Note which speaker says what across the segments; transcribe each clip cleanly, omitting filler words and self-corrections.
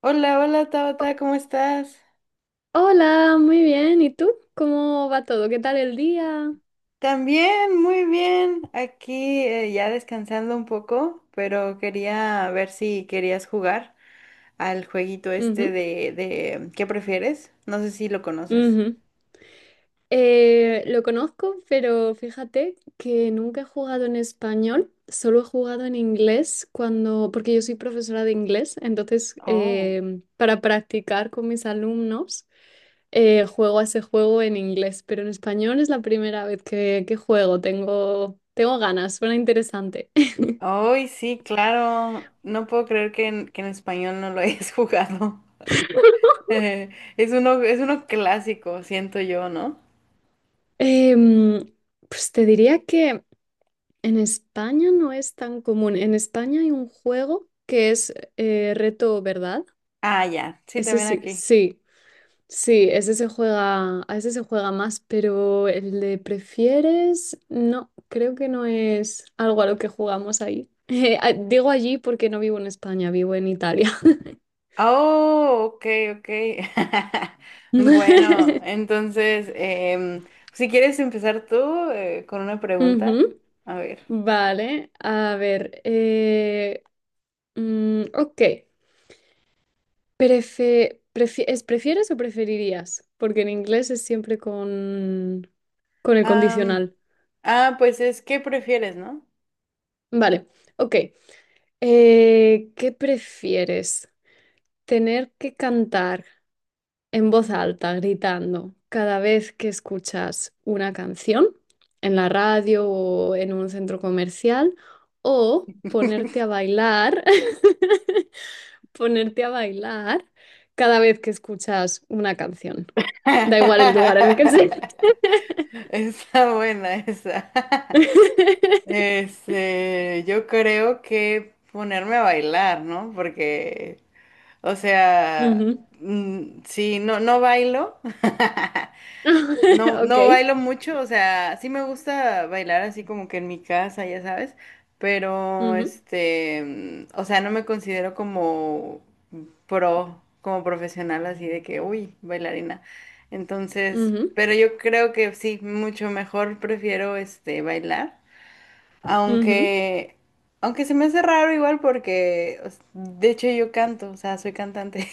Speaker 1: Hola, hola Tabata, ¿cómo estás?
Speaker 2: Hola, muy bien. ¿Y tú? ¿Cómo va todo? ¿Qué tal el día?
Speaker 1: También, muy bien. Aquí ya descansando un poco, pero quería ver si querías jugar al jueguito este
Speaker 2: Ujú,
Speaker 1: de, ¿qué prefieres? No sé si lo conoces.
Speaker 2: ujú. Lo conozco, pero fíjate que nunca he jugado en español, solo he jugado en inglés cuando, porque yo soy profesora de inglés, entonces
Speaker 1: Oh.
Speaker 2: para practicar con mis alumnos juego a ese juego en inglés, pero en español es la primera vez que juego, tengo ganas, suena interesante.
Speaker 1: Ay, sí, claro. No puedo creer que en español no lo hayas jugado. Eh, es uno, es uno clásico, siento yo, ¿no?
Speaker 2: Em, pues te diría que... En España no es tan común. En España hay un juego que es Reto Verdad.
Speaker 1: Ah, ya. Sí,
Speaker 2: Ese
Speaker 1: también
Speaker 2: sí,
Speaker 1: aquí.
Speaker 2: sí, sí, ese se juega, a ese se juega más, pero el de prefieres, no, creo que no es algo a lo que jugamos ahí. Digo allí porque no vivo en España, vivo en Italia.
Speaker 1: Oh, ok, ok. Bueno, entonces, si quieres empezar tú con una pregunta,
Speaker 2: Ujú.
Speaker 1: a ver.
Speaker 2: Vale, a ver. Ok. ¿Es prefieres o preferirías? Porque en inglés es siempre con el
Speaker 1: Am,
Speaker 2: condicional.
Speaker 1: pues es, ¿qué prefieres, no?
Speaker 2: Vale, ok. ¿Qué prefieres? ¿Tener que cantar en voz alta, gritando, cada vez que escuchas una canción en la radio o en un centro comercial? ¿O ponerte a bailar, ponerte a bailar cada vez que escuchas una canción? Da igual el lugar en el que sea.
Speaker 1: Está buena esa. Este, yo creo que ponerme a bailar, ¿no? Porque, o sea,
Speaker 2: Ujú.
Speaker 1: si no, no bailo. No,
Speaker 2: Ok.
Speaker 1: no bailo mucho, o sea, sí me gusta bailar así como que en mi casa, ya sabes, pero
Speaker 2: Ujú,
Speaker 1: este, o sea, no me considero como pro, como profesional así de que, uy, bailarina. Entonces,
Speaker 2: ujú,
Speaker 1: pero yo creo que sí, mucho mejor prefiero este bailar,
Speaker 2: ujú.
Speaker 1: aunque aunque se me hace raro igual porque o s- de hecho yo canto, o sea, soy cantante.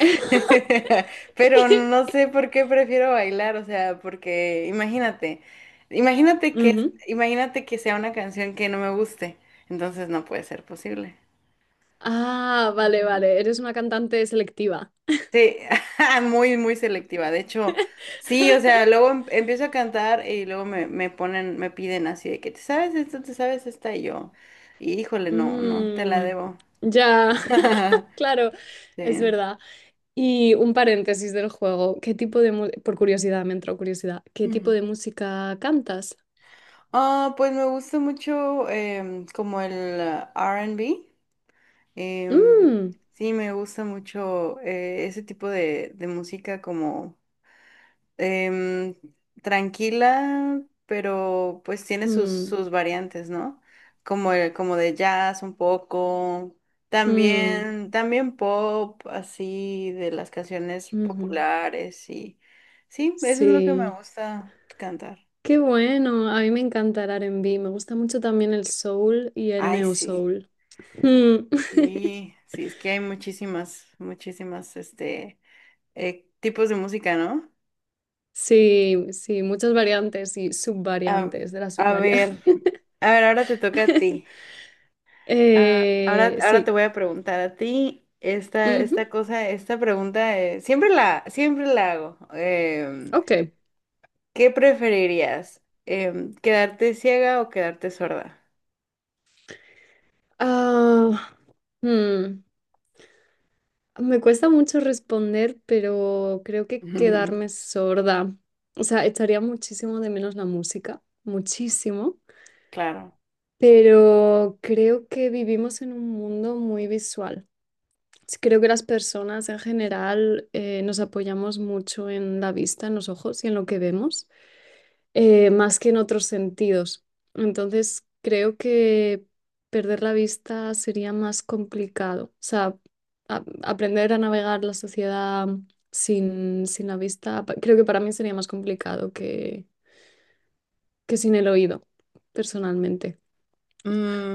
Speaker 1: Pero no sé por qué prefiero bailar, o sea, porque imagínate, imagínate que,
Speaker 2: Ujú.
Speaker 1: imagínate que sea una canción que no me guste, entonces no puede ser posible.
Speaker 2: Ah, vale,
Speaker 1: Ujú.
Speaker 2: vale. Eres una cantante selectiva.
Speaker 1: Sí, muy, muy selectiva. De hecho, sí, o sea, luego em- empiezo a cantar y luego me, me ponen, me piden así de que te sabes esto, te sabes esta y yo. Y híjole, no, no, te la
Speaker 2: Mm,
Speaker 1: debo.
Speaker 2: ya, claro, es
Speaker 1: Sí.
Speaker 2: verdad. Y un paréntesis del juego. ¿Qué tipo de mu- por curiosidad, me entró curiosidad. ¿Qué tipo
Speaker 1: Ujú.
Speaker 2: de música cantas?
Speaker 1: Ah, pues me gusta mucho como el R&B. Em,
Speaker 2: Mm,
Speaker 1: sí, me gusta mucho ese tipo de música como em, tranquila, pero pues tiene sus,
Speaker 2: mm,
Speaker 1: sus variantes, ¿no? Como, el- como de jazz un poco,
Speaker 2: mm,
Speaker 1: también, también pop, así, de las canciones
Speaker 2: ujú.
Speaker 1: populares y sí, eso es lo que me
Speaker 2: Sí.
Speaker 1: gusta cantar.
Speaker 2: Qué bueno, a mí me encanta el R&B, me gusta mucho también el soul y el
Speaker 1: Ay,
Speaker 2: neo
Speaker 1: sí,
Speaker 2: soul. Mm,
Speaker 1: sí, sí, es que hay muchísimas, muchísimas, este, tipos de música, ¿no?
Speaker 2: sí, sí, muchas variantes y
Speaker 1: A,
Speaker 2: subvariantes de la
Speaker 1: a ver,
Speaker 2: subvariante.
Speaker 1: a ver, ahora te toca a ti. Ah, ahora, ahora te
Speaker 2: Sí,
Speaker 1: voy a preguntar a ti esta,
Speaker 2: ujú,
Speaker 1: esta cosa, esta pregunta, siempre la hago.
Speaker 2: ok.
Speaker 1: ¿Qué preferirías? Em, ¿quedarte ciega o quedarte sorda?
Speaker 2: Ah, hmm, me cuesta mucho responder, pero creo que quedarme sorda. O sea, echaría muchísimo de menos la música, muchísimo,
Speaker 1: Claro.
Speaker 2: pero creo que vivimos en un mundo muy visual. Sí, creo que las personas en general nos apoyamos mucho en la vista, en los ojos y en lo que vemos, más que en otros sentidos. Entonces, creo que perder la vista sería más complicado. O sea, aprender a navegar la sociedad sin la vista, creo que para mí sería más complicado que sin el oído, personalmente.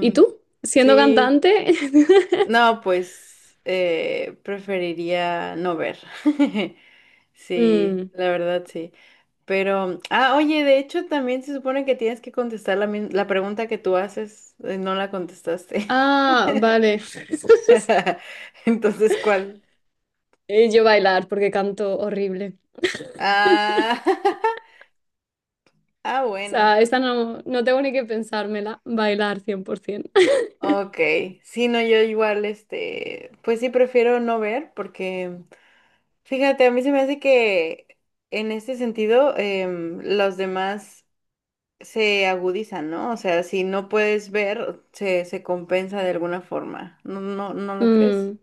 Speaker 2: ¿Y tú? Siendo
Speaker 1: sí,
Speaker 2: cantante,
Speaker 1: no, pues preferiría no ver. Sí,
Speaker 2: Mm.
Speaker 1: la verdad sí. Pero, ah, oye, de hecho también se supone que tienes que contestar la, mis- la pregunta que tú haces, no la contestaste.
Speaker 2: Ah, vale.
Speaker 1: Entonces, ¿cuál?
Speaker 2: Yo bailar porque canto horrible.
Speaker 1: Ah, ah,
Speaker 2: O
Speaker 1: bueno.
Speaker 2: sea, esta no, no tengo ni que pensármela. Bailar 100%.
Speaker 1: Ok, sí, no, yo igual, este, pues sí prefiero no ver porque, fíjate, a mí se me hace que en este sentido los demás se agudizan, ¿no? O sea, si no puedes ver, se compensa de alguna forma. ¿No, no, no lo crees?
Speaker 2: Mm,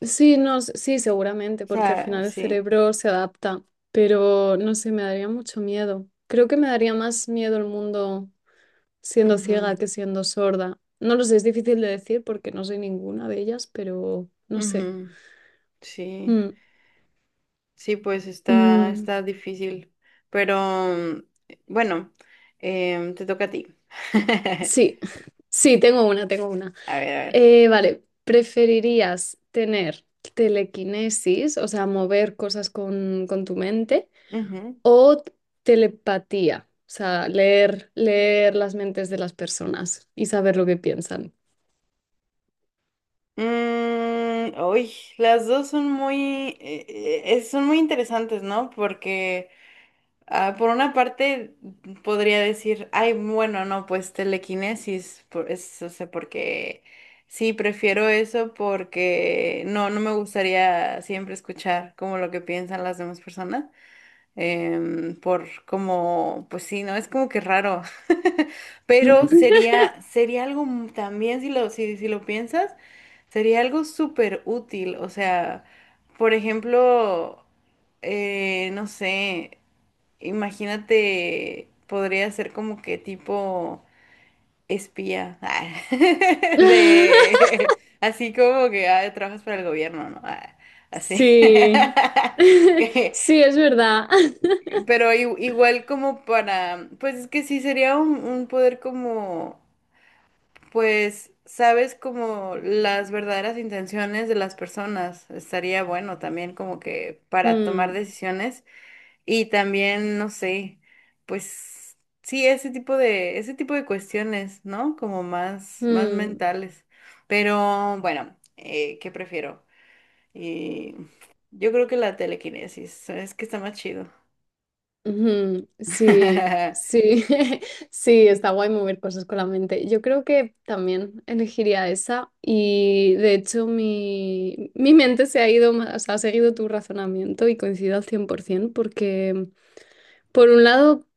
Speaker 2: sí, no, sí, seguramente,
Speaker 1: O
Speaker 2: porque al
Speaker 1: sea,
Speaker 2: final el
Speaker 1: sí.
Speaker 2: cerebro se adapta, pero no sé, me daría mucho miedo. Creo que me daría más miedo el mundo siendo ciega
Speaker 1: Ujú,
Speaker 2: que siendo sorda. No lo sé, es difícil de decir porque no soy ninguna de ellas, pero no sé.
Speaker 1: ujú, sí,
Speaker 2: Mm,
Speaker 1: sí, pues está,
Speaker 2: mm,
Speaker 1: está difícil. Pero mm, bueno, te toca a ti.
Speaker 2: sí, sí, tengo una.
Speaker 1: A ver, a ver.
Speaker 2: Vale, ¿preferirías tener telequinesis, o sea, mover cosas con tu mente,
Speaker 1: Ujú.
Speaker 2: o telepatía, o sea, leer las mentes de las personas y saber lo que piensan?
Speaker 1: Mm, uy, las dos son muy interesantes, ¿no? Porque ah, por una parte, podría decir, ay, bueno, no, pues telequinesis, por, es, o sea, porque sí, prefiero eso porque no, no me gustaría siempre escuchar como lo que piensan las demás personas, por como, pues sí, no, es como que raro, pero sería, sería algo m- también, si lo, si, si lo piensas, sería algo súper útil, o sea, por ejemplo no sé, imagínate, podría ser como que tipo espía, ah, de así como que ah, trabajas para el gobierno, ¿no? Ah, así.
Speaker 2: Sí, sí, es verdad.
Speaker 1: Pero i- igual como para, pues es que sí sería un poder como, pues, sabes como las verdaderas intenciones de las personas. Estaría bueno también como que para tomar
Speaker 2: Mm,
Speaker 1: decisiones. Y también, no sé, pues sí, ese tipo de cuestiones, ¿no? Como más, más
Speaker 2: mm.
Speaker 1: mentales. Pero bueno, ¿qué prefiero? Eh, yo creo que la telequinesis, es que está más chido.
Speaker 2: Ujú, sí, sí, sí, está guay mover cosas con la mente. Yo creo que también elegiría esa y de hecho mi mente se ha ido más, o sea, ha seguido tu razonamiento y coincido al 100% porque por un lado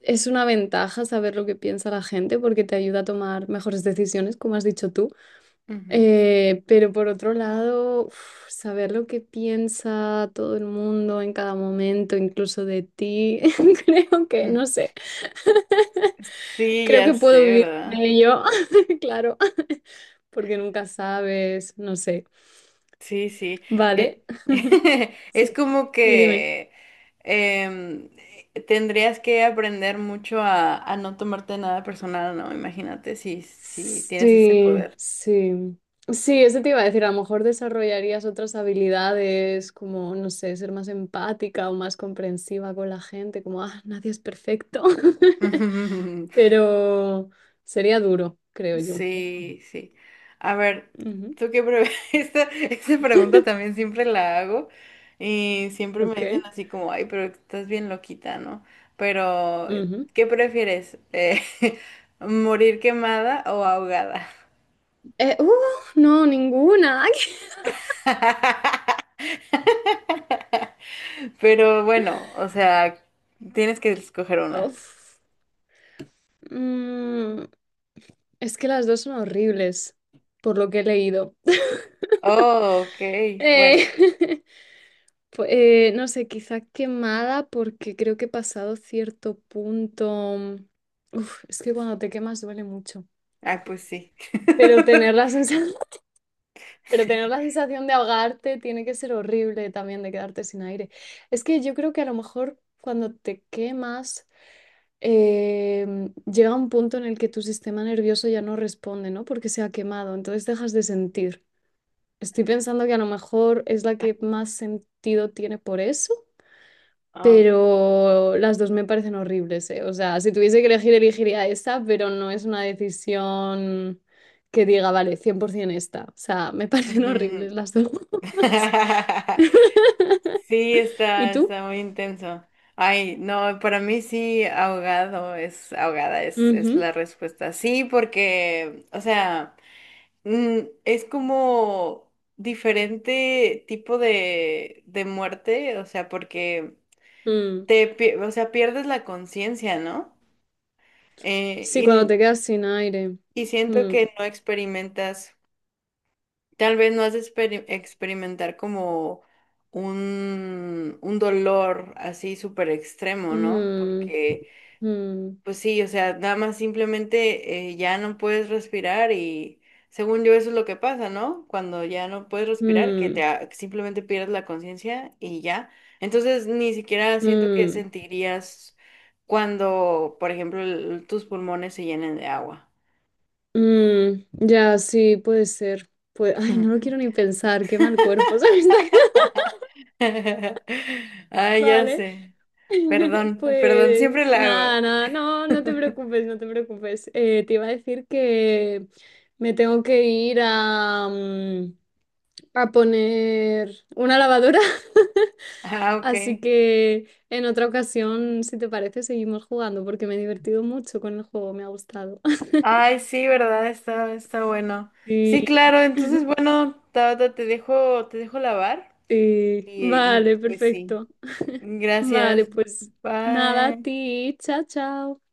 Speaker 2: es una ventaja saber lo que piensa la gente porque te ayuda a tomar mejores decisiones, como has dicho tú.
Speaker 1: Ujú,
Speaker 2: Pero por otro lado, uf, saber lo que piensa todo el mundo en cada momento, incluso de ti, creo que,
Speaker 1: mm.
Speaker 2: no sé,
Speaker 1: Sí,
Speaker 2: creo
Speaker 1: ya
Speaker 2: que
Speaker 1: sé,
Speaker 2: puedo vivir sin
Speaker 1: ¿verdad?
Speaker 2: ello, claro, porque nunca sabes, no sé,
Speaker 1: Sí, sí. eh,
Speaker 2: ¿vale? Sí,
Speaker 1: es como
Speaker 2: sí, dime.
Speaker 1: que em, tendrías que aprender mucho a no tomarte nada personal, ¿no? Imagínate si, si tienes ese
Speaker 2: Sí,
Speaker 1: poder.
Speaker 2: sí. Sí, eso te iba a decir, a lo mejor desarrollarías otras habilidades como, no sé, ser más empática o más comprensiva con la gente, como, ah, nadie es perfecto. Pero sería duro, creo yo.
Speaker 1: Sí, sí. A ver,
Speaker 2: Ujú,
Speaker 1: tú qué pre- esta pregunta también siempre la hago y siempre me
Speaker 2: ok.
Speaker 1: dicen así como, ay, pero estás bien loquita, ¿no? Pero,
Speaker 2: Ujú.
Speaker 1: ¿qué prefieres? ¿Morir quemada o ahogada?
Speaker 2: Eh, uh, no, ninguna.
Speaker 1: Pero bueno, o sea, tienes que escoger una.
Speaker 2: Uf. Mm, es que las dos son horribles, por lo que he leído.
Speaker 1: Oh, ok, bueno.
Speaker 2: Eh, no sé, quizá quemada porque creo que he pasado cierto punto. Uf, es que cuando te quemas duele mucho.
Speaker 1: Ah, pues sí.
Speaker 2: Pero tener la sensación pero tener la sensación de ahogarte tiene que ser horrible también de quedarte sin aire. Es que yo creo que a lo mejor cuando te quemas eh, llega un punto en el que tu sistema nervioso ya no responde, ¿no? Porque se ha quemado, entonces dejas de sentir. Estoy pensando que a lo mejor es la que más sentido tiene por eso,
Speaker 1: Ah,
Speaker 2: pero las dos me parecen horribles, ¿eh? O sea, si tuviese que elegir, elegiría esta, pero no es una decisión que diga, vale, 100% esta. O sea, me parecen horribles
Speaker 1: ujú.
Speaker 2: las dos.
Speaker 1: Sí,
Speaker 2: ¿Y
Speaker 1: está,
Speaker 2: tú?
Speaker 1: está muy intenso. Ay, no, para mí sí, ahogado es, ahogada es
Speaker 2: Ujú.
Speaker 1: la respuesta. Sí, porque, o sea, mm, es como diferente tipo de muerte, o sea, porque
Speaker 2: Mm.
Speaker 1: te, pie- o sea, pierdes la conciencia, ¿no?
Speaker 2: Sí, cuando
Speaker 1: Y,
Speaker 2: te quedas sin aire.
Speaker 1: y siento
Speaker 2: Mm,
Speaker 1: que no experimentas, tal vez no has de experi- experimentar como un dolor así súper extremo, ¿no?
Speaker 2: mm,
Speaker 1: Porque
Speaker 2: mm,
Speaker 1: pues sí, o sea, nada más simplemente ya no puedes respirar y según yo eso es lo que pasa, ¿no? Cuando ya no puedes respirar, que te
Speaker 2: mm,
Speaker 1: a- simplemente pierdes la conciencia y ya. Entonces ni siquiera siento que
Speaker 2: mm,
Speaker 1: sentirías cuando, por ejemplo, el- tus pulmones se llenen de agua.
Speaker 2: mm. Ya, sí, puede ser. Pues, ay, no lo quiero ni pensar, qué mal cuerpo se me está quedando.
Speaker 1: Ay, ya
Speaker 2: Vale.
Speaker 1: sé. Perdón, perdón, siempre
Speaker 2: Pues
Speaker 1: la hago.
Speaker 2: nada, nada, no, no te preocupes, no te preocupes. Te iba a decir que me tengo que ir a poner una lavadora,
Speaker 1: Ah, ok.
Speaker 2: así que en otra ocasión, si te parece, seguimos jugando porque me he divertido mucho con el juego, me ha gustado.
Speaker 1: Ay, sí, ¿verdad? Está, está bueno. Sí,
Speaker 2: Sí,
Speaker 1: claro, entonces, bueno, Tabata, te dejo lavar
Speaker 2: sí,
Speaker 1: y, y
Speaker 2: vale,
Speaker 1: pues sí.
Speaker 2: perfecto. Vale,
Speaker 1: Gracias.
Speaker 2: pues nada, a
Speaker 1: Bye.
Speaker 2: ti, chao, chao.